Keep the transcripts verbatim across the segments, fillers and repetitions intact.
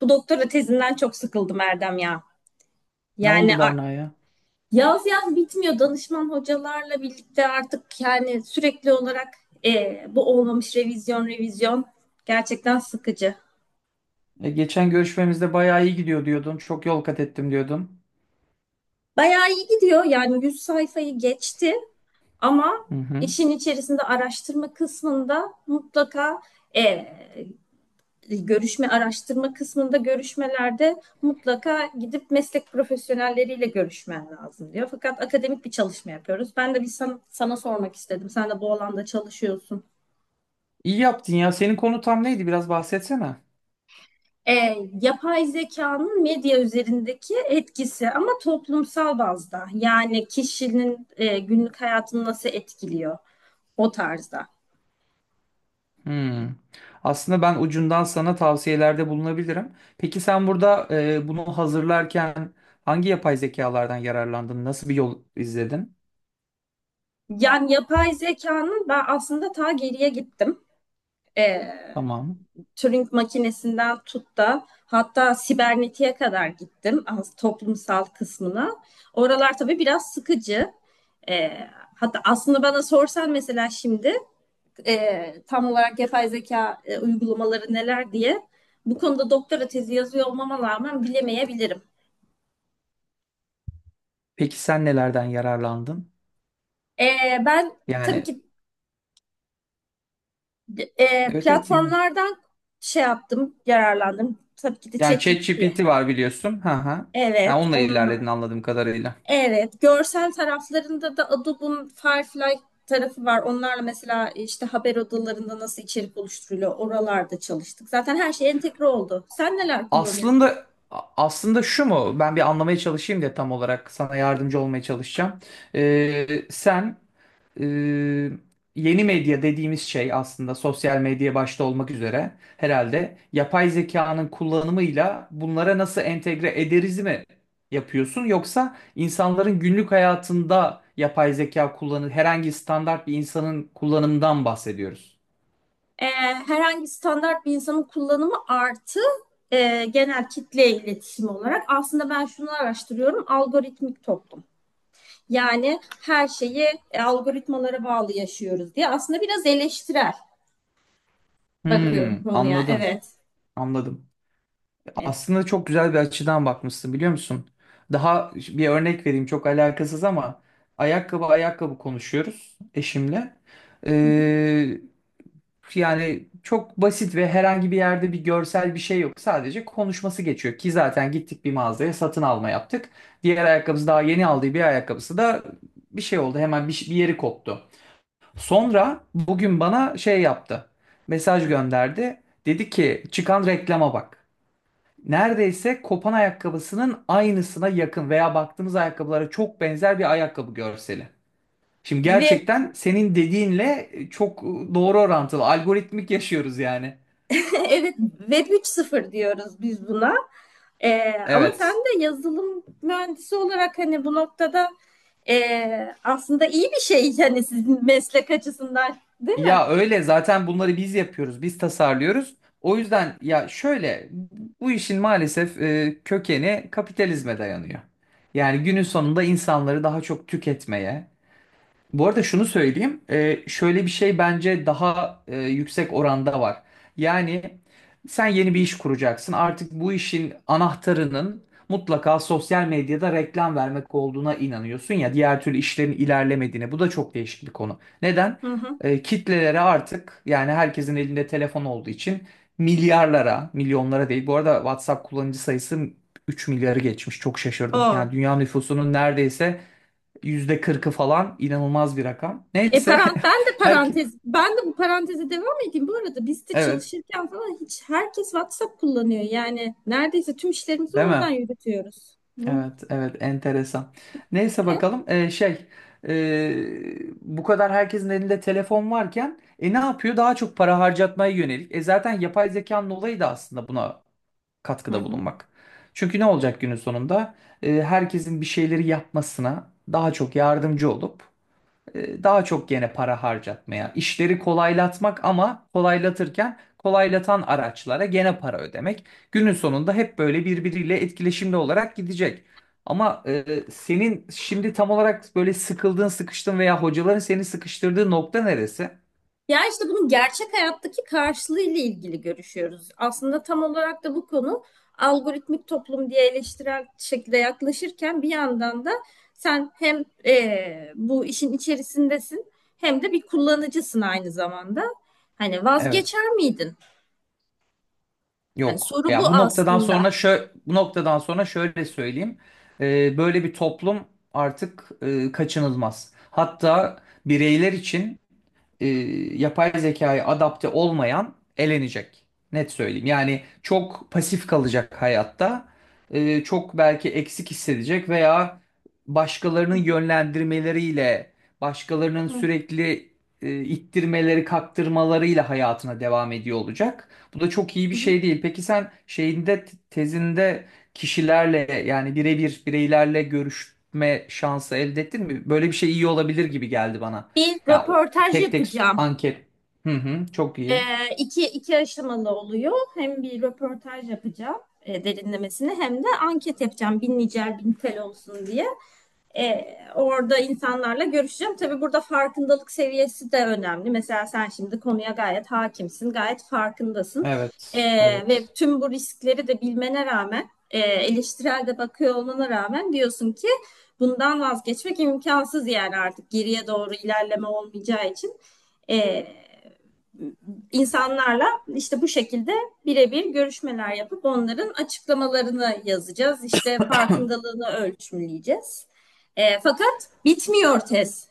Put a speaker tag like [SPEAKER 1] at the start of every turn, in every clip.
[SPEAKER 1] Bu doktora tezinden çok sıkıldım Erdem ya.
[SPEAKER 2] Ne
[SPEAKER 1] Yani
[SPEAKER 2] oldu
[SPEAKER 1] a-
[SPEAKER 2] Berna'ya?
[SPEAKER 1] yaz yaz bitmiyor danışman hocalarla birlikte, artık yani sürekli olarak e, bu olmamış, revizyon revizyon, gerçekten sıkıcı.
[SPEAKER 2] E, geçen görüşmemizde bayağı iyi gidiyor diyordun. Çok yol kat ettim diyordun.
[SPEAKER 1] Bayağı iyi gidiyor, yani yüz sayfayı geçti ama
[SPEAKER 2] Hı hı.
[SPEAKER 1] işin içerisinde araştırma kısmında mutlaka e, e, görüşme, araştırma kısmında görüşmelerde mutlaka gidip meslek profesyonelleriyle görüşmen lazım diyor. Fakat akademik bir çalışma yapıyoruz. Ben de bir sana, sana sormak istedim. Sen de bu alanda çalışıyorsun.
[SPEAKER 2] İyi yaptın ya. Senin konu tam neydi? Biraz bahsetsene.
[SPEAKER 1] E, Yapay zekanın medya üzerindeki etkisi, ama toplumsal bazda. Yani kişinin e, günlük hayatını nasıl etkiliyor, o tarzda.
[SPEAKER 2] Hmm. Aslında ben ucundan sana tavsiyelerde bulunabilirim. Peki sen burada e, bunu hazırlarken hangi yapay zekalardan yararlandın? Nasıl bir yol izledin?
[SPEAKER 1] Yani yapay zekanın, ben aslında ta geriye gittim. E,
[SPEAKER 2] Tamam.
[SPEAKER 1] Turing makinesinden tut da hatta sibernetiğe kadar gittim, az toplumsal kısmına. Oralar tabii biraz sıkıcı. E, Hatta aslında bana sorsan, mesela şimdi e, tam olarak yapay zeka e, uygulamaları neler diye, bu konuda doktora tezi yazıyor olmama rağmen bilemeyebilirim.
[SPEAKER 2] Peki sen nelerden yararlandın?
[SPEAKER 1] E, ben tabii
[SPEAKER 2] Yani
[SPEAKER 1] ki e,
[SPEAKER 2] evet evet dinliyorum.
[SPEAKER 1] platformlardan şey yaptım, yararlandım. Tabii ki de
[SPEAKER 2] Yani
[SPEAKER 1] ChatGPT'ye.
[SPEAKER 2] ChatGPT var biliyorsun. Ha ha. Yani
[SPEAKER 1] Evet,
[SPEAKER 2] onunla ilerledin
[SPEAKER 1] onlar.
[SPEAKER 2] anladığım kadarıyla.
[SPEAKER 1] Evet, görsel taraflarında da Adobe'un Firefly tarafı var. Onlarla mesela işte haber odalarında nasıl içerik oluşturuluyor, oralarda çalıştık. Zaten her şey entegre oldu. Sen neler kullanıyorsun?
[SPEAKER 2] Aslında aslında şu mu? Ben bir anlamaya çalışayım diye tam olarak sana yardımcı olmaya çalışacağım. Ee, sen e, yeni medya dediğimiz şey aslında sosyal medya başta olmak üzere herhalde yapay zekanın kullanımıyla bunlara nasıl entegre ederiz mi yapıyorsun? Yoksa insanların günlük hayatında yapay zeka kullanı herhangi standart bir insanın kullanımından bahsediyoruz.
[SPEAKER 1] Ee, Herhangi standart bir insanın kullanımı, artı e, genel kitle iletişimi olarak aslında ben şunu araştırıyorum: algoritmik toplum. Yani her şeyi e, algoritmalara bağlı yaşıyoruz diye, aslında biraz eleştirel bakıyorum
[SPEAKER 2] Hmm,
[SPEAKER 1] konuya.
[SPEAKER 2] anladım,
[SPEAKER 1] Evet.
[SPEAKER 2] anladım.
[SPEAKER 1] Evet.
[SPEAKER 2] Aslında çok güzel bir açıdan bakmışsın biliyor musun? Daha bir örnek vereyim, çok alakasız ama ayakkabı ayakkabı konuşuyoruz eşimle.
[SPEAKER 1] Hı hı.
[SPEAKER 2] Ee, yani çok basit ve herhangi bir yerde bir görsel bir şey yok. Sadece konuşması geçiyor ki zaten gittik bir mağazaya satın alma yaptık. Diğer ayakkabısı, daha yeni aldığı bir ayakkabısı da bir şey oldu, hemen bir, bir yeri koptu. Sonra bugün bana şey yaptı, mesaj gönderdi, dedi ki çıkan reklama bak. Neredeyse kopan ayakkabısının aynısına yakın veya baktığımız ayakkabılara çok benzer bir ayakkabı görseli. Şimdi
[SPEAKER 1] Ve
[SPEAKER 2] gerçekten senin dediğinle çok doğru orantılı. Algoritmik yaşıyoruz yani.
[SPEAKER 1] evet, Web üç sıfır diyoruz biz buna. Ee, ama sen
[SPEAKER 2] Evet.
[SPEAKER 1] de yazılım mühendisi olarak, hani bu noktada ee, aslında iyi bir şey, hani sizin meslek açısından, değil mi?
[SPEAKER 2] Ya öyle, zaten bunları biz yapıyoruz, biz tasarlıyoruz. O yüzden ya şöyle, bu işin maalesef e, kökeni kapitalizme dayanıyor. Yani günün sonunda insanları daha çok tüketmeye. Bu arada şunu söyleyeyim. Ee, şöyle bir şey bence daha e, yüksek oranda var. Yani sen yeni bir iş kuracaksın. Artık bu işin anahtarının mutlaka sosyal medyada reklam vermek olduğuna inanıyorsun ya. Diğer türlü işlerin ilerlemediğine. Bu da çok değişik bir konu. Neden?
[SPEAKER 1] Hı hı.
[SPEAKER 2] Ee, kitlelere artık, yani herkesin elinde telefon olduğu için milyarlara, milyonlara değil. Bu arada WhatsApp kullanıcı sayısı üç milyarı geçmiş. Çok şaşırdım. Yani
[SPEAKER 1] O.
[SPEAKER 2] dünya nüfusunun neredeyse yüzde kırkı falan, inanılmaz bir rakam.
[SPEAKER 1] E,
[SPEAKER 2] Neyse.
[SPEAKER 1] parant ben de
[SPEAKER 2] herkes
[SPEAKER 1] parantez Ben de bu paranteze devam edeyim. Bu arada biz de
[SPEAKER 2] evet
[SPEAKER 1] çalışırken falan hiç, herkes WhatsApp kullanıyor. Yani neredeyse tüm işlerimizi
[SPEAKER 2] değil mi?
[SPEAKER 1] oradan yürütüyoruz. Hı
[SPEAKER 2] Evet evet, enteresan. Neyse bakalım. Ee, şey ee, bu kadar herkesin elinde telefon varken e ne yapıyor? Daha çok para harcatmaya yönelik. E zaten yapay zekanın olayı da aslında buna katkıda
[SPEAKER 1] hı.
[SPEAKER 2] bulunmak. Çünkü ne olacak günün sonunda? Ee, herkesin bir şeyleri yapmasına daha çok yardımcı olup e, daha çok gene para harcatmaya, işleri kolaylatmak ama kolaylatırken kolaylatan araçlara gene para ödemek. Günün sonunda hep böyle birbiriyle etkileşimli olarak gidecek. Ama e, senin şimdi tam olarak böyle sıkıldığın, sıkıştın veya hocaların seni sıkıştırdığı nokta neresi?
[SPEAKER 1] Ya işte bunun gerçek hayattaki karşılığı ile ilgili görüşüyoruz. Aslında tam olarak da bu konu, algoritmik toplum diye eleştirel şekilde yaklaşırken bir yandan da sen hem eee, bu işin içerisindesin, hem de bir kullanıcısın aynı zamanda. Hani
[SPEAKER 2] Evet.
[SPEAKER 1] vazgeçer miydin? Hani
[SPEAKER 2] Yok.
[SPEAKER 1] soru bu
[SPEAKER 2] Ya bu noktadan
[SPEAKER 1] aslında.
[SPEAKER 2] sonra şö bu noktadan sonra şöyle söyleyeyim. Ee, böyle bir toplum artık e, kaçınılmaz. Hatta bireyler için, e, yapay zekaya adapte olmayan elenecek. Net söyleyeyim. Yani çok pasif kalacak hayatta. E, çok belki eksik hissedecek veya
[SPEAKER 1] Hı
[SPEAKER 2] başkalarının
[SPEAKER 1] hı,
[SPEAKER 2] yönlendirmeleriyle, başkalarının sürekli e, ittirmeleri, kaktırmalarıyla hayatına devam ediyor olacak. Bu da çok iyi bir
[SPEAKER 1] hı hı.
[SPEAKER 2] şey değil. Peki sen şeyinde tezinde kişilerle, yani birebir bireylerle görüşme şansı elde ettin mi? Böyle bir şey iyi olabilir gibi geldi bana.
[SPEAKER 1] Bir
[SPEAKER 2] Ya
[SPEAKER 1] röportaj
[SPEAKER 2] tek tek
[SPEAKER 1] yapacağım.
[SPEAKER 2] anket. Hı hı, çok iyi.
[SPEAKER 1] Ee, iki, iki aşamalı oluyor. Hem bir röportaj yapacağım e, derinlemesine, hem de anket yapacağım. Bin nicel bin tel olsun diye. E, Orada insanlarla görüşeceğim. Tabii burada farkındalık seviyesi de önemli. Mesela sen şimdi konuya gayet hakimsin, gayet farkındasın. E,
[SPEAKER 2] Evet,
[SPEAKER 1] Ve
[SPEAKER 2] evet.
[SPEAKER 1] tüm bu riskleri de bilmene rağmen, e, eleştirel de bakıyor olmana rağmen, diyorsun ki bundan vazgeçmek imkansız, yani artık geriye doğru ilerleme olmayacağı için. E, insanlarla işte bu şekilde birebir görüşmeler yapıp onların açıklamalarını yazacağız. İşte farkındalığını ölçümleyeceğiz. E, fakat bitmiyor tez.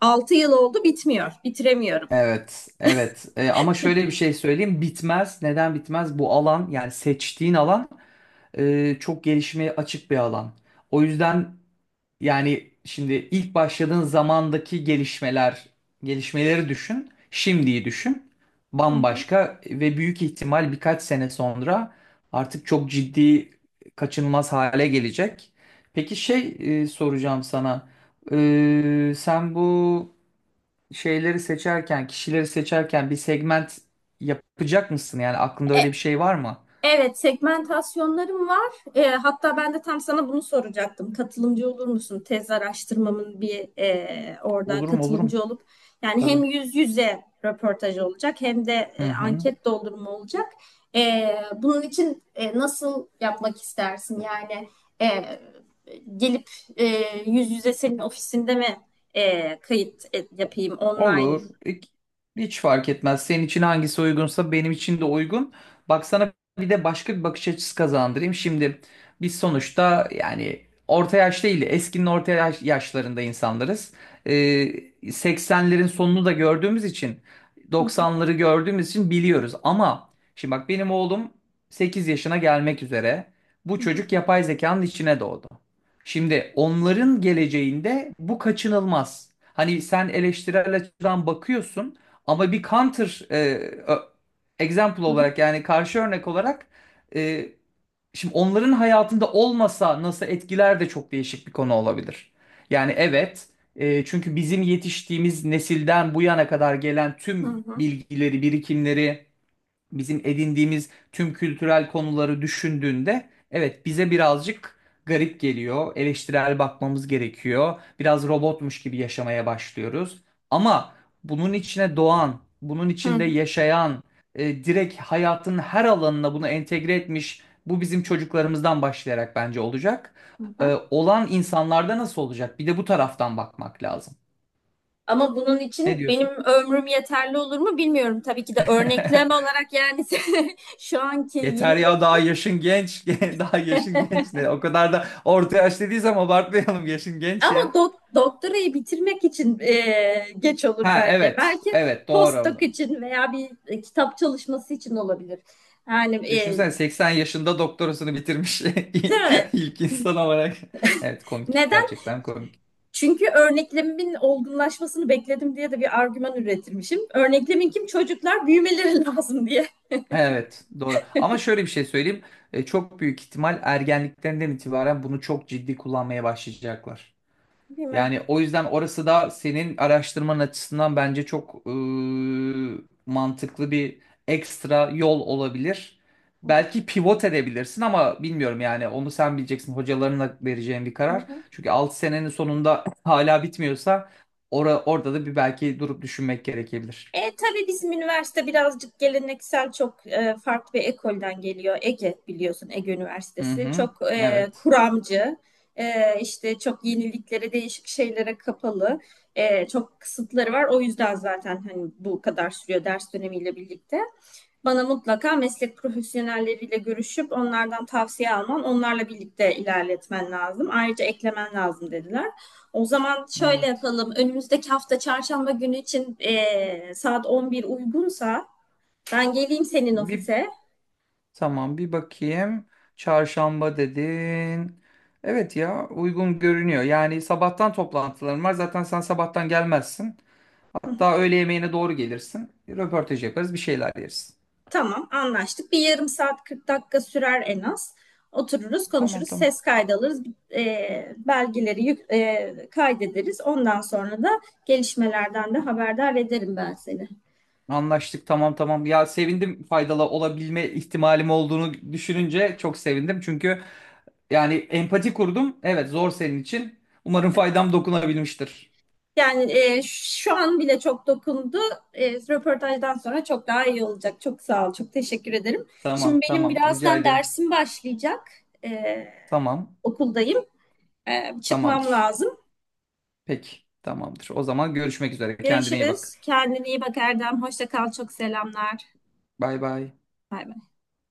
[SPEAKER 1] Altı yıl oldu, bitmiyor. Bitiremiyorum.
[SPEAKER 2] Evet, evet. E, ama şöyle bir şey söyleyeyim. Bitmez. Neden bitmez? Bu alan, yani seçtiğin alan e, çok gelişmeye açık bir alan. O yüzden, yani şimdi ilk başladığın zamandaki gelişmeler, gelişmeleri düşün, şimdiyi düşün.
[SPEAKER 1] Hı hı.
[SPEAKER 2] Bambaşka, ve büyük ihtimal birkaç sene sonra artık çok ciddi kaçınılmaz hale gelecek. Peki şey e, soracağım sana. E, sen bu şeyleri seçerken, kişileri seçerken bir segment yapacak mısın? Yani aklında
[SPEAKER 1] E,
[SPEAKER 2] öyle bir şey var mı?
[SPEAKER 1] Evet, segmentasyonlarım var. Ee, hatta ben de tam sana bunu soracaktım. Katılımcı olur musun? Tez araştırmamın bir e, orada
[SPEAKER 2] Olurum olurum.
[SPEAKER 1] katılımcı olup, yani hem
[SPEAKER 2] Tabii.
[SPEAKER 1] yüz yüze röportaj olacak, hem de
[SPEAKER 2] Hı
[SPEAKER 1] e,
[SPEAKER 2] hı.
[SPEAKER 1] anket doldurma olacak. Ee, bunun için e, nasıl yapmak istersin? Yani e, gelip e, yüz yüze senin ofisinde mi e, kayıt e, yapayım, online?
[SPEAKER 2] Olur. İk- hiç fark etmez. Senin için hangisi uygunsa benim için de uygun. Bak sana bir de başka bir bakış açısı kazandırayım. Şimdi biz sonuçta yani orta yaş değil, eskinin orta yaş- yaşlarında insanlarız. Ee, seksenlerin sonunu da gördüğümüz için,
[SPEAKER 1] Hı hı,
[SPEAKER 2] doksanları gördüğümüz için biliyoruz. Ama şimdi bak, benim oğlum sekiz yaşına gelmek üzere. Bu
[SPEAKER 1] hı hı,
[SPEAKER 2] çocuk yapay zekanın içine doğdu. Şimdi onların geleceğinde bu kaçınılmaz. Hani sen eleştirel açıdan bakıyorsun, ama bir counter e, ö- example olarak, yani karşı örnek olarak e, şimdi onların hayatında olmasa nasıl etkiler de çok değişik bir konu olabilir. Yani evet, e, çünkü bizim yetiştiğimiz nesilden bu yana kadar gelen
[SPEAKER 1] hı hı,
[SPEAKER 2] tüm
[SPEAKER 1] hı hı,
[SPEAKER 2] bilgileri, birikimleri, bizim edindiğimiz tüm kültürel konuları düşündüğünde, evet bize birazcık garip geliyor. Eleştirel bakmamız gerekiyor. Biraz robotmuş gibi yaşamaya başlıyoruz. Ama bunun içine doğan, bunun
[SPEAKER 1] hı
[SPEAKER 2] içinde
[SPEAKER 1] hı.
[SPEAKER 2] yaşayan, e, direkt hayatın her alanına bunu entegre etmiş bu bizim çocuklarımızdan başlayarak bence olacak. E, olan insanlarda nasıl olacak? Bir de bu taraftan bakmak lazım.
[SPEAKER 1] Ama bunun
[SPEAKER 2] Ne
[SPEAKER 1] için benim
[SPEAKER 2] diyorsun?
[SPEAKER 1] ömrüm yeterli olur mu bilmiyorum. Tabii ki de örneklem olarak, yani şu anki yeni
[SPEAKER 2] Yeter ya, daha yaşın genç. Daha yaşın genç ne? O kadar da orta yaş dediği zaman abartmayalım. Yaşın genç
[SPEAKER 1] ama
[SPEAKER 2] ya.
[SPEAKER 1] dok- doktorayı bitirmek için e, geç olur
[SPEAKER 2] Ha
[SPEAKER 1] bence.
[SPEAKER 2] evet.
[SPEAKER 1] Belki
[SPEAKER 2] Evet doğru.
[SPEAKER 1] postdoc için veya bir e, kitap çalışması için olabilir. Yani e,
[SPEAKER 2] Düşünsene, seksen yaşında doktorasını bitirmiş
[SPEAKER 1] değil mi?
[SPEAKER 2] ilk insan olarak. Evet komik.
[SPEAKER 1] Neden?
[SPEAKER 2] Gerçekten komik.
[SPEAKER 1] Çünkü örneklemimin olgunlaşmasını bekledim diye de bir argüman üretirmişim. Örneklemin kim? Çocuklar büyümeleri lazım diye.
[SPEAKER 2] Evet doğru. Ama şöyle bir şey söyleyeyim. E, çok büyük ihtimal ergenliklerinden itibaren bunu çok ciddi kullanmaya başlayacaklar.
[SPEAKER 1] Değil mi?
[SPEAKER 2] Yani o yüzden orası da senin araştırman açısından bence çok e, mantıklı bir ekstra yol olabilir.
[SPEAKER 1] Hı hı,
[SPEAKER 2] Belki pivot edebilirsin ama bilmiyorum, yani onu sen bileceksin, hocalarına vereceğin bir
[SPEAKER 1] hı
[SPEAKER 2] karar.
[SPEAKER 1] hı.
[SPEAKER 2] Çünkü altı senenin sonunda hala bitmiyorsa ora- orada da bir belki durup düşünmek gerekebilir.
[SPEAKER 1] E tabii bizim üniversite birazcık geleneksel, çok e, farklı bir ekolden geliyor. Ege biliyorsun, Ege
[SPEAKER 2] Hı
[SPEAKER 1] Üniversitesi
[SPEAKER 2] hı.
[SPEAKER 1] çok e,
[SPEAKER 2] Evet.
[SPEAKER 1] kuramcı, e, işte çok yeniliklere, değişik şeylere kapalı, e, çok kısıtları var. O yüzden zaten hani bu kadar sürüyor ders dönemiyle birlikte. Bana mutlaka meslek profesyonelleriyle görüşüp onlardan tavsiye alman, onlarla birlikte ilerletmen lazım. Ayrıca eklemen lazım dediler. O zaman şöyle
[SPEAKER 2] Evet.
[SPEAKER 1] yapalım. Önümüzdeki hafta çarşamba günü için eee, saat on bir uygunsa ben geleyim senin
[SPEAKER 2] Bir
[SPEAKER 1] ofise.
[SPEAKER 2] tamam, bir bakayım. Çarşamba dedin. Evet ya, uygun görünüyor. Yani sabahtan toplantılarım var. Zaten sen sabahtan gelmezsin. Hatta öğle yemeğine doğru gelirsin. Röportaj yaparız, bir şeyler yeriz.
[SPEAKER 1] Tamam, anlaştık. Bir yarım saat kırk dakika sürer en az. Otururuz,
[SPEAKER 2] Tamam
[SPEAKER 1] konuşuruz,
[SPEAKER 2] tamam.
[SPEAKER 1] ses kaydı alırız, eee, belgeleri yük- eee, kaydederiz. Ondan sonra da gelişmelerden de haberdar ederim ben seni.
[SPEAKER 2] Anlaştık, tamam tamam. Ya sevindim, faydalı olabilme ihtimalim olduğunu düşününce çok sevindim. Çünkü yani empati kurdum. Evet, zor senin için. Umarım faydam dokunabilmiştir.
[SPEAKER 1] Yani e, şu an bile çok dokundu. E, röportajdan sonra çok daha iyi olacak. Çok sağ ol, çok teşekkür ederim. Şimdi
[SPEAKER 2] Tamam
[SPEAKER 1] benim
[SPEAKER 2] tamam, rica
[SPEAKER 1] birazdan
[SPEAKER 2] ederim.
[SPEAKER 1] dersim başlayacak. E,
[SPEAKER 2] Tamam,
[SPEAKER 1] Okuldayım. E, çıkmam
[SPEAKER 2] tamamdır.
[SPEAKER 1] lazım.
[SPEAKER 2] Peki, tamamdır. O zaman görüşmek üzere. Kendine iyi bak.
[SPEAKER 1] Görüşürüz. Kendine iyi bak Erdem. Hoşça kal. Çok selamlar.
[SPEAKER 2] Bay bay.
[SPEAKER 1] Bay bay.